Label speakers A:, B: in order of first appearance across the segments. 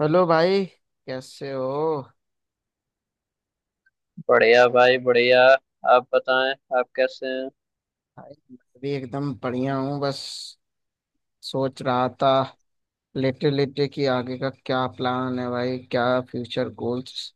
A: Hello भाई। कैसे हो।
B: बढ़िया भाई, बढ़िया। आप बताएं, आप कैसे हैं?
A: भाई मैं भी एकदम बढ़िया हूँ। बस सोच रहा था लेटे लेटे कि आगे का क्या प्लान है भाई, क्या फ्यूचर गोल्स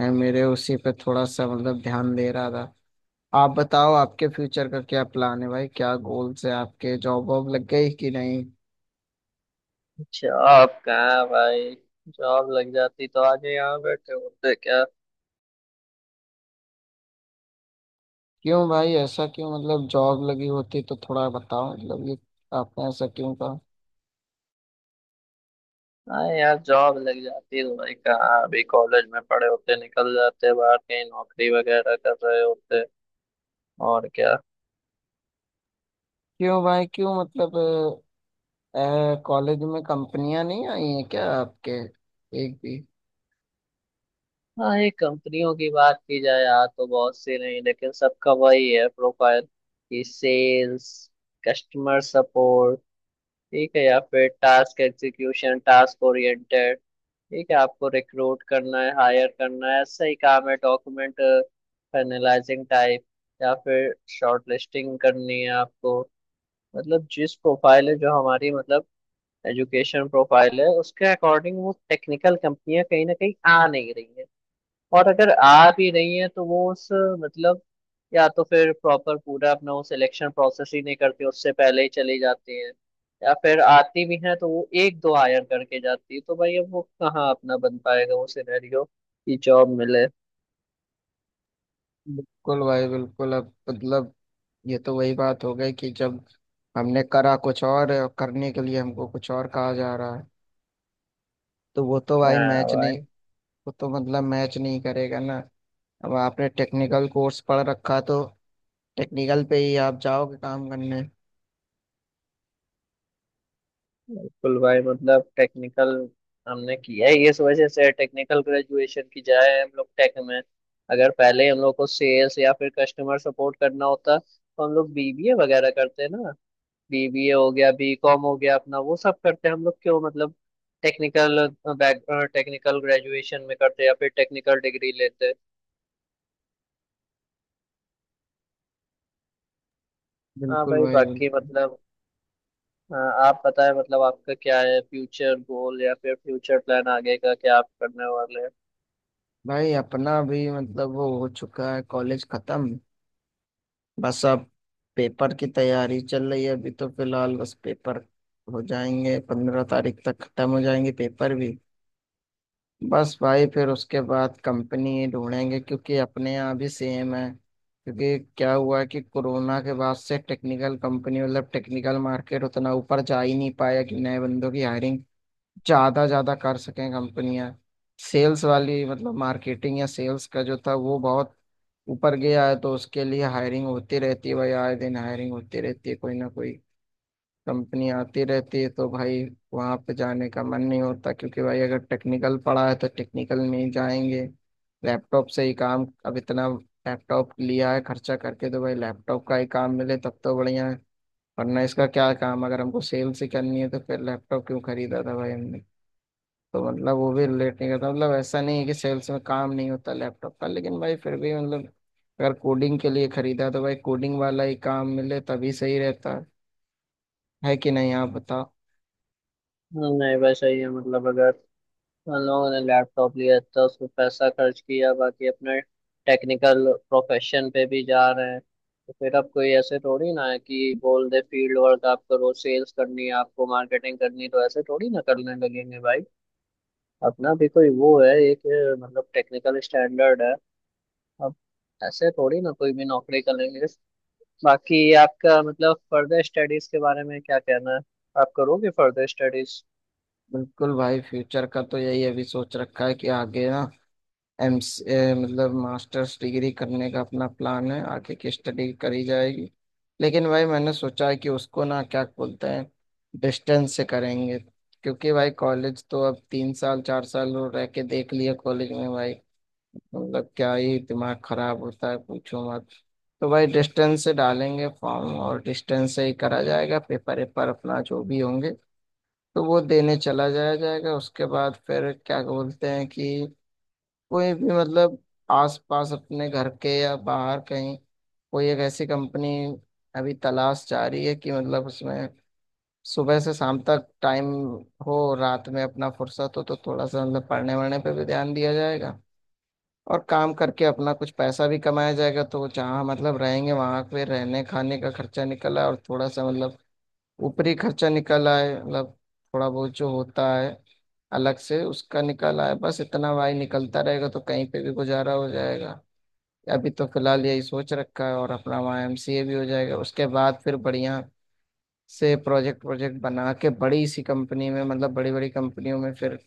A: है, मेरे उसी पे थोड़ा सा मतलब ध्यान दे रहा था। आप बताओ आपके फ्यूचर का क्या प्लान है भाई, क्या गोल्स है आपके, जॉब वॉब लग गई कि नहीं?
B: अच्छा, आप कहाँ हैं भाई? जॉब लग जाती तो आज ही यहाँ बैठे होते क्या?
A: क्यों भाई ऐसा क्यों, मतलब जॉब लगी होती तो थोड़ा बताओ, मतलब ये आपने ऐसा क्यों कहा?
B: हाँ यार, जॉब लग जाती तो भाई कहाँ अभी कॉलेज में पढ़े होते, निकल जाते बाहर कहीं नौकरी वगैरह कर रहे होते। और क्या।
A: क्यों भाई क्यों, मतलब कॉलेज में कंपनियां नहीं आई हैं क्या आपके, एक भी?
B: हाँ, ये कंपनियों की बात की जाए यार तो बहुत सी नहीं, लेकिन सबका वही है प्रोफाइल कि सेल्स, कस्टमर सपोर्ट, ठीक है, या फिर टास्क एग्जीक्यूशन, टास्क ओरिएंटेड, ठीक है, आपको रिक्रूट करना है, हायर करना है, ऐसा ही काम है। डॉक्यूमेंट फाइनलाइजिंग टाइप या फिर शॉर्टलिस्टिंग करनी है आपको। मतलब जिस प्रोफाइल है जो हमारी मतलब एजुकेशन प्रोफाइल है, उसके अकॉर्डिंग वो टेक्निकल कंपनियां कहीं ना कहीं आ नहीं रही है। और अगर आ भी रही है तो वो उस मतलब या तो फिर प्रॉपर पूरा अपना वो सिलेक्शन प्रोसेस ही नहीं करती, उससे पहले ही चली जाती है, या फिर आती भी है तो वो एक दो हायर करके जाती है। तो भाई अब वो कहाँ अपना बन पाएगा वो सिनेरियो कि जॉब मिले।
A: बिल्कुल भाई बिल्कुल। अब मतलब ये तो वही बात हो गई कि जब हमने करा कुछ और करने के लिए हमको कुछ और कहा जा रहा है, तो वो तो भाई
B: हाँ
A: मैच नहीं,
B: भाई,
A: वो तो मतलब मैच नहीं करेगा ना। अब आपने टेक्निकल कोर्स पढ़ रखा तो टेक्निकल पे ही आप जाओगे काम करने।
B: बिल्कुल भाई, मतलब टेक्निकल हमने किया है। इस वजह से टेक्निकल ग्रेजुएशन की जाए हम लोग टेक में। अगर पहले हम लोग को सेल्स या फिर कस्टमर सपोर्ट करना होता तो हम लोग बीबीए वगैरह करते ना। बीबीए हो गया, बीकॉम हो गया, अपना वो सब करते हैं हम लोग। क्यों मतलब टेक्निकल बैक, टेक्निकल ग्रेजुएशन में करते हैं या फिर टेक्निकल डिग्री लेते हैं। हाँ
A: बिल्कुल
B: भाई।
A: भाई
B: बाकी
A: बिल्कुल।
B: मतलब आप बताएं, मतलब आपका क्या है फ्यूचर गोल या फिर फ्यूचर प्लान, आगे का क्या आप करने वाले हैं?
A: भाई अपना भी मतलब वो हो चुका है, कॉलेज खत्म। बस अब पेपर की तैयारी चल रही है, अभी तो फिलहाल बस पेपर हो जाएंगे, 15 तारीख तक खत्म हो जाएंगे पेपर भी। बस भाई फिर उसके बाद कंपनी ढूंढेंगे क्योंकि अपने यहाँ भी सेम है। क्योंकि क्या हुआ है कि कोरोना के बाद से टेक्निकल कंपनी, मतलब टेक्निकल मार्केट उतना ऊपर जा ही नहीं पाया कि नए बंदों की हायरिंग ज्यादा ज्यादा कर सकें कंपनियां। सेल्स वाली मतलब मार्केटिंग या सेल्स का जो था वो बहुत ऊपर गया है, तो उसके लिए हायरिंग होती रहती है भाई, आए दिन हायरिंग होती रहती है, कोई ना कोई कंपनी आती रहती है। तो भाई वहां पे जाने का मन नहीं होता, क्योंकि भाई अगर टेक्निकल पढ़ा है तो टेक्निकल में ही जाएंगे। लैपटॉप से ही काम, अब इतना लैपटॉप लिया है खर्चा करके, तो भाई लैपटॉप का ही काम मिले तब तो बढ़िया है, वरना इसका क्या काम? अगर हमको सेल्स ही करनी है तो फिर लैपटॉप क्यों खरीदा था भाई हमने? तो मतलब वो भी रिलेट नहीं करता, मतलब ऐसा नहीं है कि सेल्स में काम नहीं होता लैपटॉप का, लेकिन भाई फिर भी मतलब अगर कोडिंग के लिए खरीदा तो भाई कोडिंग वाला ही काम मिले तभी सही रहता है कि नहीं आप बताओ?
B: नहीं भाई, सही है। मतलब अगर उन लोगों ने लैपटॉप लिया था, उस पर पैसा खर्च किया, बाकी अपने टेक्निकल प्रोफेशन पे भी जा रहे हैं, तो फिर अब कोई ऐसे थोड़ी ना है कि बोल दे फील्ड वर्क आप करो, सेल्स करनी है आपको, मार्केटिंग करनी है, तो ऐसे थोड़ी ना करने लगेंगे भाई। अपना भी कोई वो है, एक मतलब टेक्निकल स्टैंडर्ड है। अब ऐसे थोड़ी ना कोई भी नौकरी करेंगे। बाकी आपका मतलब फर्दर स्टडीज के बारे में क्या कहना है? आप करोगे फर्दर स्टडीज?
A: बिल्कुल भाई, फ्यूचर का तो यही अभी सोच रखा है कि आगे ना एम मतलब मास्टर्स डिग्री करने का अपना प्लान है, आगे की स्टडी करी जाएगी। लेकिन भाई मैंने सोचा है कि उसको ना क्या बोलते हैं, डिस्टेंस से करेंगे। क्योंकि भाई कॉलेज तो अब 3 साल 4 साल रह के देख लिया कॉलेज में भाई, मतलब क्या ही दिमाग खराब होता है पूछो मत। तो भाई डिस्टेंस से डालेंगे फॉर्म, और डिस्टेंस से ही करा जाएगा पेपर वेपर अपना जो भी होंगे, तो वो देने चला जाया जाएगा। उसके बाद फिर क्या बोलते हैं कि कोई भी मतलब आसपास अपने घर के या बाहर कहीं कोई एक ऐसी कंपनी अभी तलाश जा रही है कि मतलब उसमें सुबह से शाम तक टाइम हो, रात में अपना फुर्सत हो तो थोड़ा सा मतलब पढ़ने वढ़ने पे भी ध्यान दिया जाएगा, और काम करके अपना कुछ पैसा भी कमाया जाएगा। तो जहाँ मतलब रहेंगे वहां पे रहने खाने का खर्चा निकल आए, और थोड़ा सा मतलब ऊपरी खर्चा निकल आए, मतलब थोड़ा बहुत जो होता है अलग से, उसका निकल आए। बस इतना भाई निकलता रहेगा तो कहीं पे भी गुजारा हो जाएगा। अभी तो फिलहाल यही सोच रखा है, और अपना वहाँ एमसीए भी हो जाएगा, उसके बाद फिर बढ़िया से प्रोजेक्ट प्रोजेक्ट बना के बड़ी सी कंपनी में, मतलब बड़ी बड़ी कंपनियों में फिर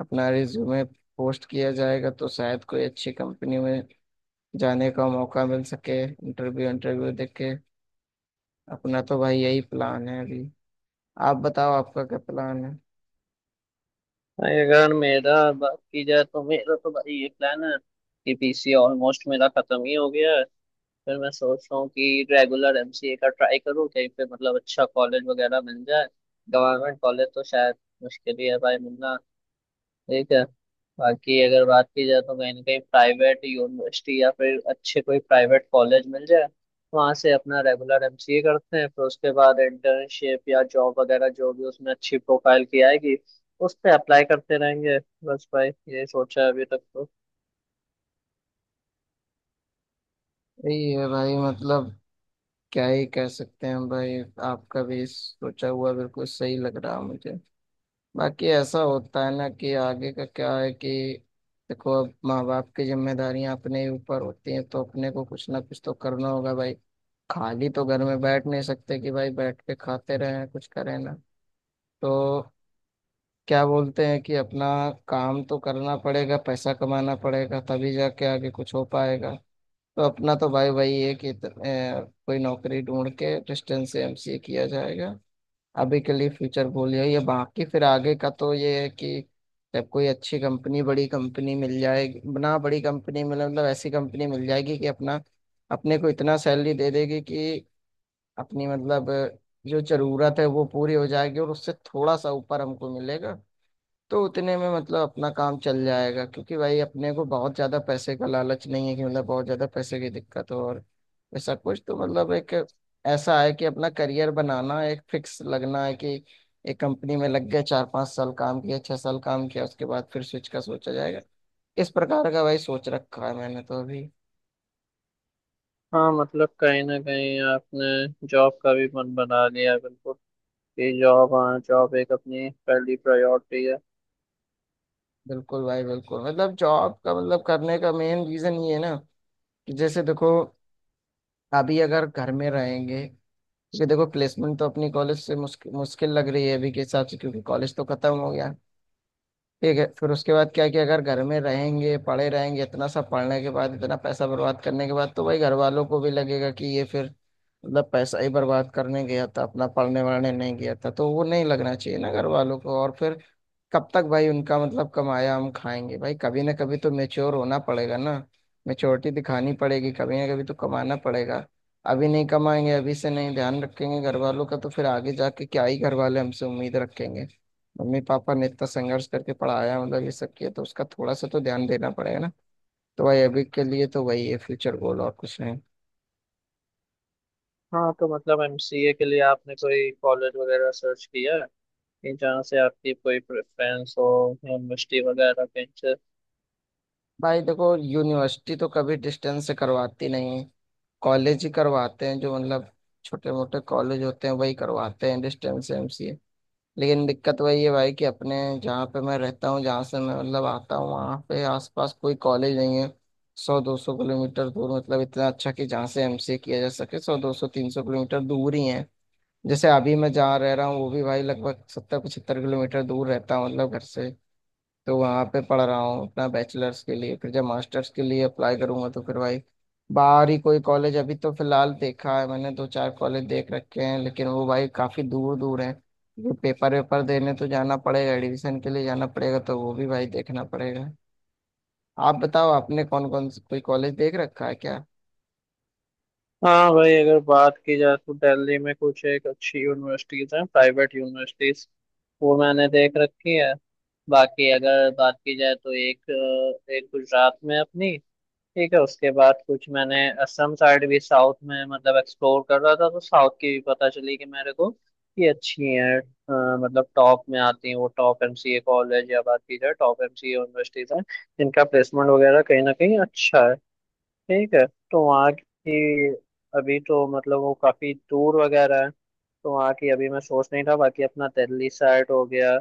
A: अपना रिज्यूमे पोस्ट किया जाएगा तो शायद कोई अच्छी कंपनी में जाने का मौका मिल सके इंटरव्यू इंटरव्यू देके। अपना तो भाई यही प्लान है अभी, आप बताओ आपका क्या प्लान है?
B: भाई अगर मेरा बात की जाए तो मेरा तो भाई ये प्लान है कि पीसी ऑलमोस्ट मेरा खत्म ही हो गया है। फिर मैं सोच रहा हूँ कि रेगुलर एमसीए का ट्राई करूँ कहीं पे, मतलब अच्छा कॉलेज वगैरह मिल जाए। गवर्नमेंट कॉलेज तो शायद मुश्किल ही है भाई मिलना, ठीक है। बाकी अगर बात की जाए तो कहीं ना कहीं प्राइवेट यूनिवर्सिटी या फिर अच्छे कोई प्राइवेट कॉलेज मिल जाए, वहाँ से अपना रेगुलर एमसीए करते हैं। फिर उसके बाद इंटर्नशिप या जॉब वगैरह, जो भी उसमें अच्छी प्रोफाइल की आएगी उस पर अप्लाई करते रहेंगे। बस भाई, ये सोचा है अभी तक तो।
A: यही है भाई, मतलब क्या ही कह सकते हैं भाई। आपका भी सोचा हुआ बिल्कुल सही लग रहा है मुझे। बाकी ऐसा होता है ना कि आगे का क्या है कि देखो अब माँ बाप की जिम्मेदारियां अपने ही ऊपर होती हैं तो अपने को कुछ ना कुछ तो करना होगा भाई। खाली तो घर में बैठ नहीं सकते कि भाई बैठ के खाते रहें, कुछ करें ना। तो क्या बोलते हैं कि अपना काम तो करना पड़ेगा, पैसा कमाना पड़ेगा तभी जाके आगे कुछ हो पाएगा। तो अपना तो भाई वही है कि कोई नौकरी ढूंढ के डिस्टेंस से एमसीए किया जाएगा अभी के लिए। फ्यूचर गोल यही है, बाकी फिर आगे का तो ये है कि जब कोई अच्छी कंपनी बड़ी कंपनी मिल जाएगी ना, बड़ी कंपनी मिले मतलब ऐसी कंपनी मिल जाएगी कि अपना अपने को इतना सैलरी दे देगी कि अपनी मतलब जो जरूरत है वो पूरी हो जाएगी और उससे थोड़ा सा ऊपर हमको मिलेगा। तो उतने में मतलब अपना काम चल जाएगा, क्योंकि भाई अपने को बहुत ज्यादा पैसे का लालच नहीं है कि मतलब बहुत ज्यादा पैसे की दिक्कत हो और ऐसा कुछ, तो मतलब एक ऐसा है कि अपना करियर बनाना एक फिक्स लगना है कि एक कंपनी में लग गए, 4, 5 साल काम किया, 6 साल काम किया, उसके बाद फिर स्विच का सोचा जाएगा। इस प्रकार का भाई सोच रखा है मैंने तो अभी।
B: हाँ मतलब कहीं ना कहीं आपने जॉब का भी मन बना लिया है, बिल्कुल, कि जॉब, हाँ, जॉब एक अपनी पहली प्रायोरिटी है।
A: बिल्कुल भाई बिल्कुल, मतलब जॉब का मतलब करने का मेन रीजन ये है ना कि जैसे देखो अभी अगर घर में रहेंगे, क्योंकि देखो प्लेसमेंट तो अपनी कॉलेज से मुश्किल मुश्किल लग रही है अभी के हिसाब से, क्योंकि कॉलेज तो खत्म हो गया, ठीक है। फिर उसके बाद क्या है कि अगर घर में रहेंगे पढ़े रहेंगे, इतना सब पढ़ने के बाद, इतना पैसा बर्बाद करने के बाद तो भाई घर वालों को भी लगेगा कि ये फिर मतलब पैसा ही बर्बाद करने गया था, अपना पढ़ने वढ़ने नहीं गया था, तो वो नहीं लगना चाहिए ना घर वालों को। और फिर कब तक भाई उनका मतलब कमाया हम खाएंगे? भाई कभी ना कभी तो मेच्योर होना पड़ेगा ना, मेच्योरिटी दिखानी पड़ेगी, कभी ना कभी तो कमाना पड़ेगा। अभी नहीं कमाएंगे, अभी से नहीं ध्यान रखेंगे घर वालों का, तो फिर आगे जाके क्या ही घर वाले हमसे उम्मीद रखेंगे? मम्मी पापा ने इतना संघर्ष करके पढ़ाया, मतलब ये सब किया, तो उसका थोड़ा सा तो ध्यान देना पड़ेगा ना। तो भाई अभी के लिए तो वही है फ्यूचर गोल, और कुछ नहीं।
B: हाँ तो मतलब एमसीए के लिए आपने कोई कॉलेज वगैरह सर्च किया है कि जहाँ से आपकी कोई प्रेफरेंस हो, यूनिवर्सिटी वगैरह के इनसे?
A: भाई देखो यूनिवर्सिटी तो कभी डिस्टेंस से करवाती नहीं, कॉलेज ही करवाते हैं। जो मतलब छोटे मोटे कॉलेज होते हैं वही करवाते हैं डिस्टेंस एमसीए। लेकिन दिक्कत वही है भाई कि अपने जहाँ पे मैं रहता हूँ, जहाँ से मैं मतलब आता हूँ, वहाँ पे आसपास कोई कॉलेज नहीं है। 100, 200 किलोमीटर दूर, मतलब इतना अच्छा कि जहाँ से एमसीए किया जा सके, 100, 200, 300 किलोमीटर दूर ही है। जैसे अभी मैं जहाँ रह रहा हूँ वो भी भाई लगभग 70, 75 किलोमीटर दूर रहता हूँ, मतलब घर से। तो वहाँ पे पढ़ रहा हूँ अपना बैचलर्स के लिए, फिर जब मास्टर्स के लिए अप्लाई करूंगा तो फिर भाई बाहर ही कोई कॉलेज, अभी तो फिलहाल देखा है मैंने, दो चार कॉलेज देख रखे हैं, लेकिन वो भाई काफ़ी दूर दूर है क्योंकि पेपर वेपर देने तो जाना पड़ेगा, एडमिशन के लिए जाना पड़ेगा, तो वो भी भाई देखना पड़ेगा। आप बताओ आपने कौन कौन कोई कॉलेज देख रखा है क्या?
B: हाँ भाई, अगर बात की जाए तो दिल्ली में कुछ एक अच्छी यूनिवर्सिटीज हैं, प्राइवेट यूनिवर्सिटीज, वो मैंने देख रखी है। बाकी अगर बात की जाए तो एक एक गुजरात में है अपनी, ठीक है। उसके बाद कुछ मैंने असम साइड भी, साउथ में मतलब एक्सप्लोर कर रहा था, तो साउथ की भी पता चली कि मेरे को कि अच्छी है, मतलब टॉप में आती हैं वो। टॉप एमसीए कॉलेज या बात की जाए टॉप एमसीए यूनिवर्सिटीज हैं जिनका प्लेसमेंट वगैरह कहीं ना कहीं अच्छा है, ठीक है। तो वहाँ की अभी तो मतलब वो काफ़ी दूर वगैरह है, तो वहाँ की अभी मैं सोच नहीं था। बाकी अपना दिल्ली साइड हो गया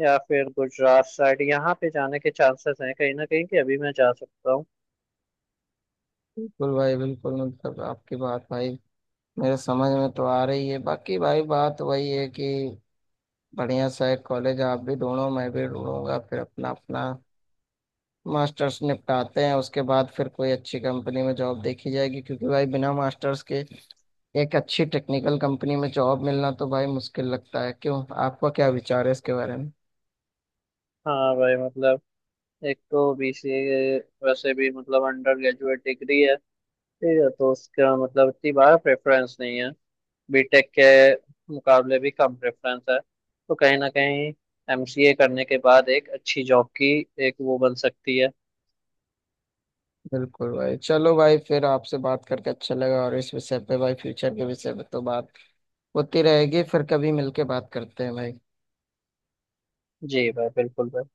B: या फिर गुजरात साइड, यहाँ पे जाने के चांसेस हैं कहीं ना कहीं कि अभी मैं जा सकता हूँ।
A: बिल्कुल भाई बिल्कुल, मतलब आपकी बात भाई मेरे समझ में तो आ रही है। बाकी भाई बात वही है कि बढ़िया सा एक कॉलेज आप भी ढूंढो मैं भी ढूंढूंगा, फिर अपना अपना मास्टर्स निपटाते हैं, उसके बाद फिर कोई अच्छी कंपनी में जॉब देखी जाएगी, क्योंकि भाई बिना मास्टर्स के एक अच्छी टेक्निकल कंपनी में जॉब मिलना तो भाई मुश्किल लगता है। क्यों, आपका क्या विचार है इसके बारे में?
B: हाँ भाई मतलब एक तो बीसीए वैसे भी मतलब अंडर ग्रेजुएट डिग्री है, ठीक है, तो उसका मतलब इतनी बार प्रेफरेंस नहीं है। बीटेक के मुकाबले भी कम प्रेफरेंस है, तो कहीं ना कहीं एमसीए करने के बाद एक अच्छी जॉब की एक वो बन सकती है।
A: बिल्कुल भाई। चलो भाई फिर आपसे बात करके अच्छा लगा, और इस विषय पे भाई फ्यूचर के विषय पे तो बात होती रहेगी, फिर कभी मिलके बात करते हैं भाई।
B: जी भाई, बिल्कुल भाई।